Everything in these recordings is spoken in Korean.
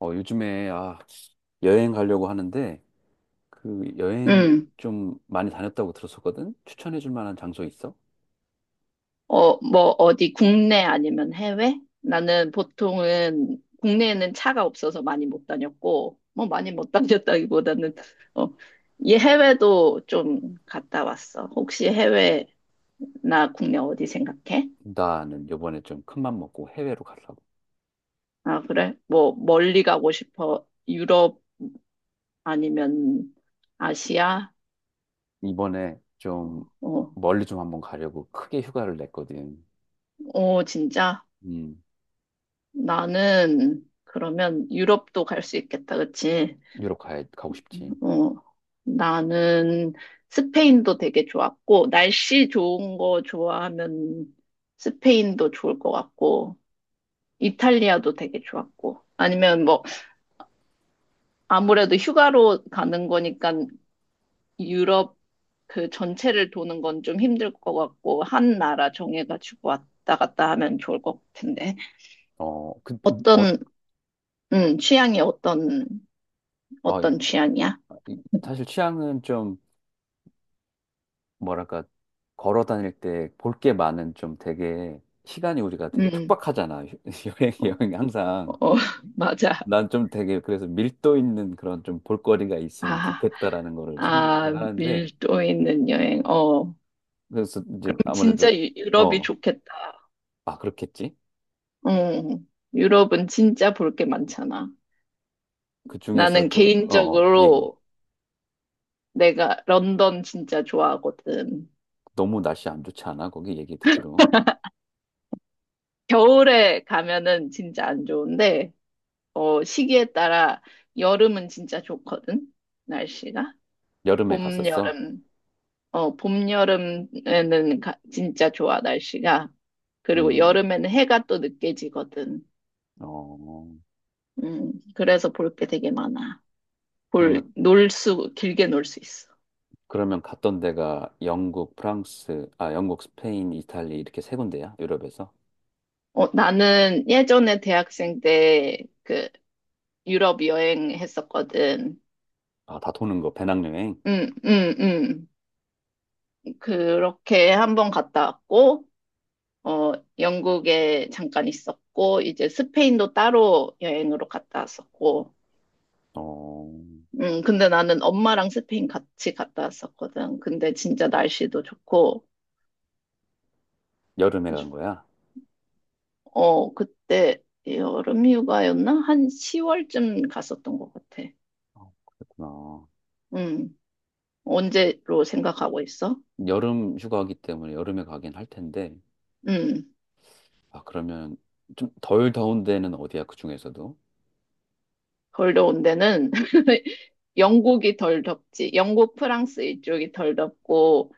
요즘에, 여행 가려고 하는데, 그 여행 음, 좀 많이 다녔다고 들었었거든? 추천해줄 만한 장소 있어? 뭐, 어디 국내 아니면 해외? 나는 보통은 국내에는 차가 없어서 많이 못 다녔고, 뭐 많이 못 다녔다기보다는, 어, 이 해외도 좀 갔다 왔어. 혹시 해외나 국내 어디 생각해? 나는 요번에 좀 큰 맘 먹고 해외로 가려고. 아, 그래? 뭐, 멀리 가고 싶어. 유럽 아니면 아시아? 이번에 좀 어, 멀리 좀 한번 가려고 크게 휴가를 냈거든. 어, 진짜? 음, 나는 그러면 유럽도 갈 수 있겠다, 그치? 유럽 가고 싶지. 어, 나는 스페인도 되게 좋았고, 날씨 좋은 거 좋아하면 스페인도 좋을 것 같고, 이탈리아도 되게 좋았고, 아니면 뭐, 아무래도 휴가로 가는 거니까 유럽 그 전체를 도는 건 좀 힘들 것 같고, 한 나라 정해가지고 왔다 갔다 하면 좋을 것 같은데. 어, 그, 음, 어, 어떤, 음, 취향이 어떤, 어, 이- 어떤 취향이야? 사실 취향은 좀, 뭐랄까, 걸어 다닐 때 볼 게 많은 좀 되게, 시간이 우리가 되게 음. 촉박하잖아. 여행, 어. 여행이 항상. 어. 맞아. 난 좀 되게 그래서 밀도 있는 그런 좀 볼거리가 있으면 아. 좋겠다라는 거를 아, 선택을 하는데 밀도 있는 여행. 그래서 이제 아무래도. 유럽이 어, 좋겠다. 그렇겠지? 응, 유럽은 진짜 볼 게 많잖아. 그 나는 중에서도 얘기. 개인적으로 내가 런던 진짜 좋아하거든. 너무 날씨 안 좋지 않아? 거기 얘기 듣기로 겨울에 가면은 진짜 안 좋은데, 시기에 따라 여름은 진짜 좋거든. 날씨가. 여름에 봄, 갔었어. 여름. 봄, 여름에는 진짜 좋아, 날씨가. 그리고 음, 여름에는 해가 또 늦게 지거든. 어, 그래서 볼 게 되게 많아. 그러면 길게 놀 수 있어. 그러면 갔던 데가 영국, 프랑스, 아 영국, 스페인, 이탈리 이렇게 세 군데야, 유럽에서. 나는 예전에 대학생 때 그 유럽 여행했었거든. 다 도는 거, 배낭여행. 응, 응, 응. 그렇게 한번 갔다 왔고, 어, 영국에 잠깐 있었고, 이제 스페인도 따로 여행으로 갔다 왔었고, 어, 근데 나는 엄마랑 스페인 같이 갔다 왔었거든. 근데 진짜 날씨도 좋고, 여름에 간 거야? 어, 그때 여름 휴가였나? 한 10월쯤 갔었던 것 같아. 어, 그렇구나. 음, 언제로 생각하고 있어? 여름 휴가기 때문에 여름에 가긴 할 텐데, 음, 아, 그러면 좀 덜 더운 데는 어디야, 그 중에서도? 덜 더운 데는 영국이 덜 덥지. 영국, 프랑스 이쪽이 덜 덥고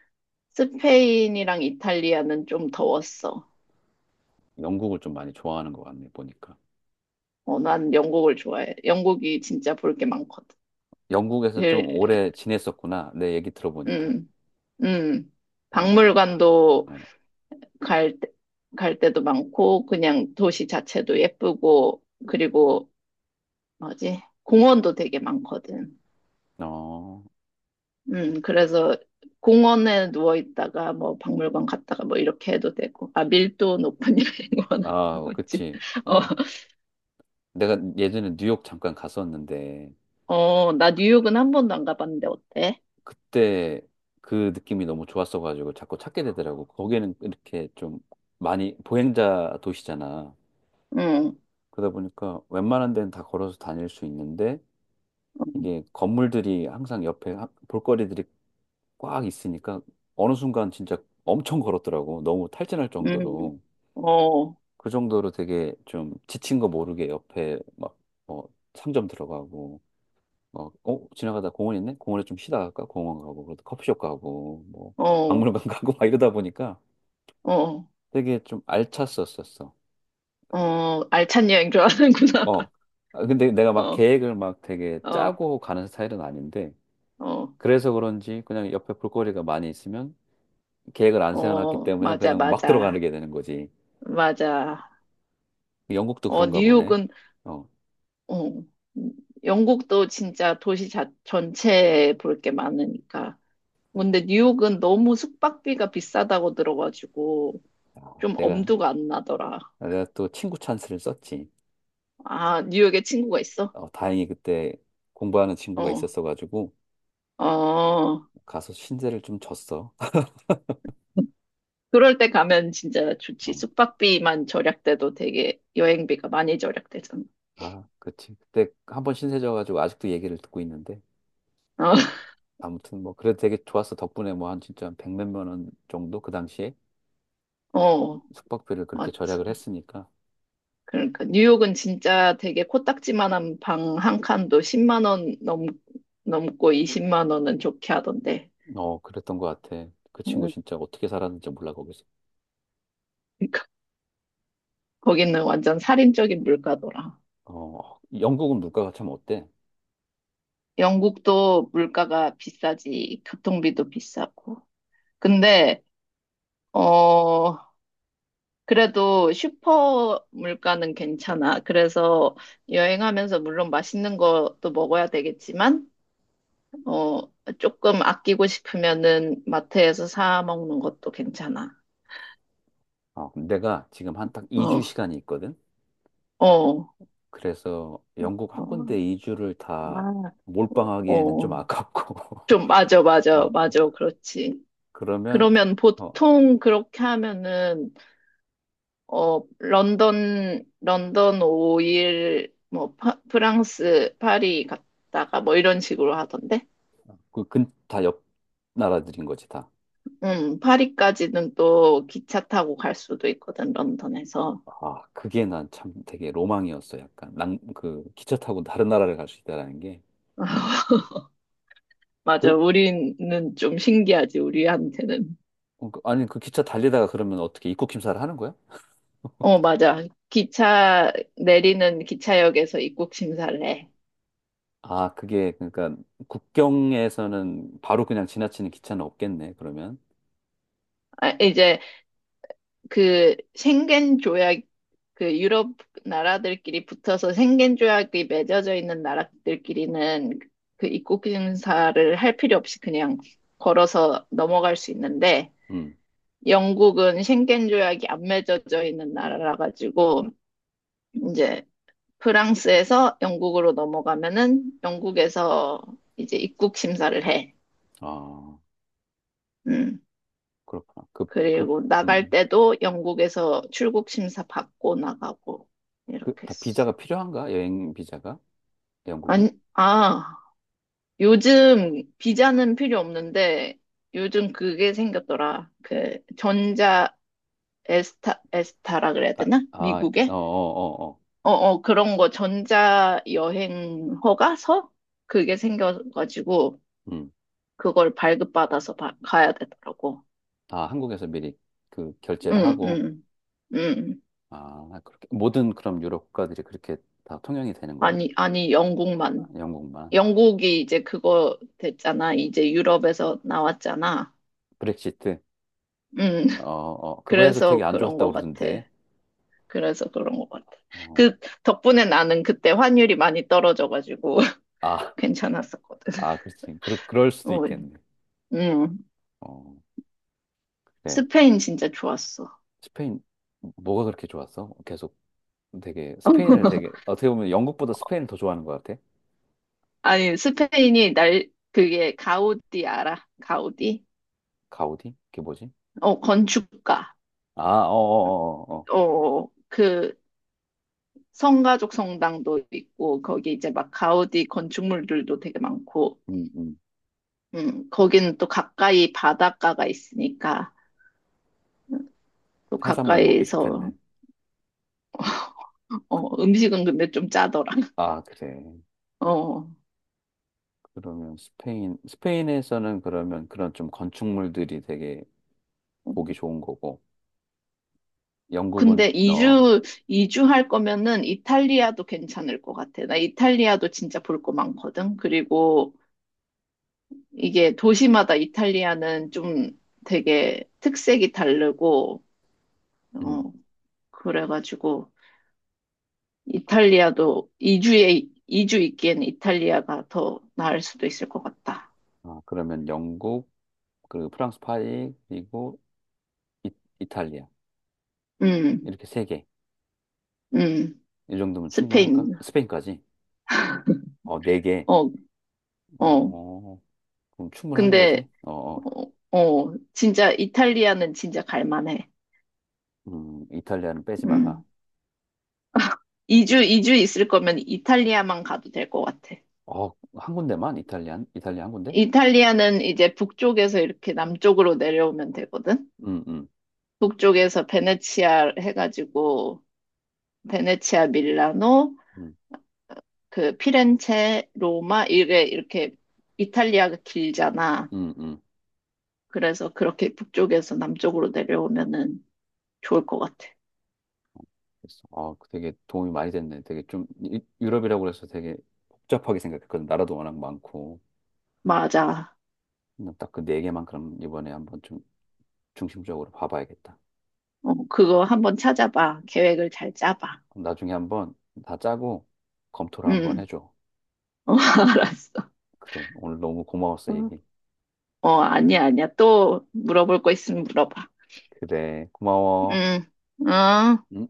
스페인이랑 이탈리아는 좀 더웠어. 영국을 좀 많이 좋아하는 것 같네, 보니까. 난 영국을 좋아해. 영국이 진짜 볼 게 많거든. 영국에서 좀 일- 오래 지냈었구나, 내 얘기 들어보니까. 음. 음. 어, 박물관도 어, 갈, 때- 갈 때도 많고, 그냥 도시 자체도 예쁘고, 그리고, 뭐지, 공원도 되게 많거든. 어, 그래서 공원에 누워 있다가 뭐 박물관 갔다가 뭐 이렇게 해도 되고, 아, 밀도 높은 여행원 아, 하고 있지. 그치. 어, 내가 예전에 뉴욕 잠깐 갔었는데, 나 뉴욕은 한 번도 안 가봤는데 어때? 그때 그 느낌이 너무 좋았어가지고 자꾸 찾게 되더라고. 거기는 이렇게 좀 많이 보행자 도시잖아. 응, 그러다 보니까 웬만한 데는 다 걸어서 다닐 수 있는데, 응, 이게 건물들이 항상 옆에 볼거리들이 꽉 있으니까 어느 순간 진짜 엄청 걸었더라고. 너무 탈진할 응. 정도로. 어. 그 정도로 되게 좀 지친 거 모르게 옆에 막, 어, 상점 들어가고, 막, 지나가다 공원 있네? 공원에 좀 쉬다 갈까? 공원 가고, 그래도 커피숍 가고, 뭐, 어. 박물관 가고 막 이러다 보니까 어. 되게 좀 알찼었었어. 어. 알찬 여행 좋아하는구나. 어. 아, 근데 내가 막 어. 계획을 막 되게 어. 짜고 가는 스타일은 아닌데, 어. 그래서 그런지 그냥 옆에 볼거리가 많이 있으면 계획을 안 세워놨기 어. 때문에 맞아, 그냥 막 맞아. 들어가게 되는 거지. 맞아. 영국도 어, 그런가 보네. 뉴욕은, 어, 어, 영국도 진짜 전체에 볼 게 많으니까. 근데 뉴욕은 너무 숙박비가 비싸다고 들어가지고 좀 내가, 엄두가 안 나더라. 내가 또 친구 찬스를 썼지. 아, 뉴욕에 친구가 있어? 다행히 그때 공부하는 친구가 어, 있었어가지고 어. 가서 신세를 좀 졌어. 그럴 때 가면 진짜 좋지. 어, 숙박비만 절약돼도 되게 여행비가 많이 절약되잖아. 아, 그치. 그때 한 번 신세 져가지고 아직도 얘기를 듣고 있는데. 어, 아무튼 뭐 그래도 되게 좋았어. 덕분에 뭐 한 진짜 백몇만 원 정도 그 당시에 어, 숙박비를 그렇게 맞지. 절약을 했으니까. 그러니까 뉴욕은 진짜 되게 코딱지만한 방 한 칸도 넘고 20만 원은 좋게 하던데. 어, 그랬던 것 같아. 그 친구 음, 진짜 어떻게 살았는지 몰라, 거기서. 그러니까 거기는 완전 살인적인 물가더라. 영국은 물가가 참 어때? 영국도 물가가 비싸지, 교통비도 비싸고. 근데 어 그래도 슈퍼 물가는 괜찮아. 그래서 여행하면서 물론 맛있는 것도 먹어야 되겠지만 어 조금 아끼고 싶으면은 마트에서 사 먹는 것도 괜찮아. 내가 지금 한 딱 2주 어. 시간이 있거든. 어. 그래서 영국 어. 한 군데 2주를 다 아. 몰빵하기에는 좀 어. 아깝고. 좀, 맞아, 맞아, 아, 맞아. 그렇지. 그러면. 그러면 어, 보통 그렇게 하면은, 런던 5일, 뭐, 프랑스, 파리 갔다가 뭐 이런 식으로 하던데? 그 근 다 옆 나라들인 거지, 다. 파리까지는 또 기차 타고 갈 수도 있거든, 런던에서. 아, 그게 난 참 되게 로망이었어. 약간 그 기차 타고 다른 나라를 갈 수 있다라는 게. 맞아, 그 우리는 좀 신기하지, 우리한테는. 아니 그 기차 달리다가 그러면 어떻게 입국 심사를 하는 거야? 어, 맞아. 기차 내리는 기차역에서 입국 심사를 해. 아, 그게 그러니까 국경에서는 바로 그냥 지나치는 기차는 없겠네, 그러면. 이제 그 schengen 조약 그 유럽 나라들끼리 붙어서 생겐 조약이 맺어져 있는 나라들끼리는 그 입국 심사를 할 필요 없이 그냥 걸어서 넘어갈 수 있는데 음. 영국은 생겐 조약이 안 맺어져 있는 나라라 가지고 이제 프랑스에서 영국으로 넘어가면은 영국에서 이제 입국 심사를 해. 아. 음. 그렇구나. 그리고 음, 나갈 음. 때도 영국에서 출국 심사 받고 나가고 이렇게 다 했어. 비자가 필요한가? 여행 비자가? 영국이? 아니, 요즘 비자는 필요 없는데 요즘 그게 생겼더라. 그 전자 에스타라 그래야 아, 되나? 아, 어, 어, 미국에? 어, 어. 그런 거 전자 여행 허가서 그게 생겨가지고 음. 그걸 발급받아서 가야 되더라고. 아, 한국에서 미리 그 결제를 응, 하고, 응, 응. 아, 그렇게. 모든 그럼 유럽 국가들이 그렇게 다 통용이 되는 거야? 아니 아, 영국만. 영국만. 영국이 이제 그거 됐잖아. 이제 유럽에서 나왔잖아. 브렉시트. 음. 그거에서 되게 그래서 안 그런 것 좋았다고 같아. 그러던데. 그래서 그런 것 같아. 어, 그 덕분에 나는 그때 환율이 많이 떨어져가지고 아, 괜찮았었거든. 아, 그렇지. 그럴 수도 어, 있겠네. 음, 어, 그래. 스페인 진짜 좋았어. 스페인, 뭐가 그렇게 좋았어? 계속 되게, 스페인을 되게, 어떻게 보면 영국보다 스페인을 더 좋아하는 것 같아. 아니, 스페인이 날, 그게 가우디 알아? 가우디? 가우디? 그게 뭐지? 어, 건축가. 아, 어어어어. 어, 그 성가족 성당도 있고, 거기 이제 막 가우디 건축물들도 되게 많고, 음, 음. 거기는 또 가까이 바닷가가 있으니까 또 해산물 먹기 좋겠네. 가까이서 어, 음식은 근데 좀 짜더라. 아, 그래. 어. 그러면 스페인에서는 그러면 그런 좀 건축물들이 되게 보기 좋은 거고, 영국은, 근데 이주 이주할 거면은 이탈리아도 괜찮을 것 같아. 나 이탈리아도 진짜 볼 거 많거든. 그리고 이게 도시마다 이탈리아는 좀 되게 특색이 다르고 어, 음. 그래가지고 그- 이탈리아도 이주에 이주 있기엔 이탈리아가 더 나을 수도 있을 것 같다. 아, 그러면 영국, 그리고 프랑스 파리, 그리고 이, 이탈리아. 음. 이렇게 세 개. 음. 이 정도면 충분할까? 스페인. 스페인까지? 어, 네 개. 어, 어. 어, 그럼 충분한 거지? 근데, 어, 어. 진짜 이탈리아는 진짜 갈만해. 이탈리아는 빼지 마라. 음. 2주 있을 거면 이탈리아만 가도 될 것 같아. 어, 한 군데만? 이탈리안? 이탈리아 한 군데? 이탈리아는 이제 북쪽에서 이렇게 남쪽으로 내려오면 되거든? 음, 음, 북쪽에서 베네치아 해가지고, 베네치아, 밀라노, 음, 그 피렌체, 로마, 이게 이렇게 이탈리아가 길잖아. 음, 음. 그래서 그렇게 북쪽에서 남쪽으로 내려오면은 좋을 것 같아. 그래서 아, 그 되게 도움이 많이 됐네. 되게 좀 유럽이라고 그래서 되게 복잡하게 생각했거든. 나라도 워낙 많고. 맞아. 딱 그 네 개만 그럼 이번에 한번 좀 중심적으로 봐봐야겠다. 어, 그거 한번 찾아봐. 계획을 잘 짜봐. 그럼 나중에 한번 다 짜고 검토를 한번 응. 해줘. 어, 알았어. 그래. 오늘 너무 고마웠어, 어, 얘기. 아니야, 아니야. 또 물어볼 거 있으면 물어봐. 그래. 고마워. 응, 응. 음.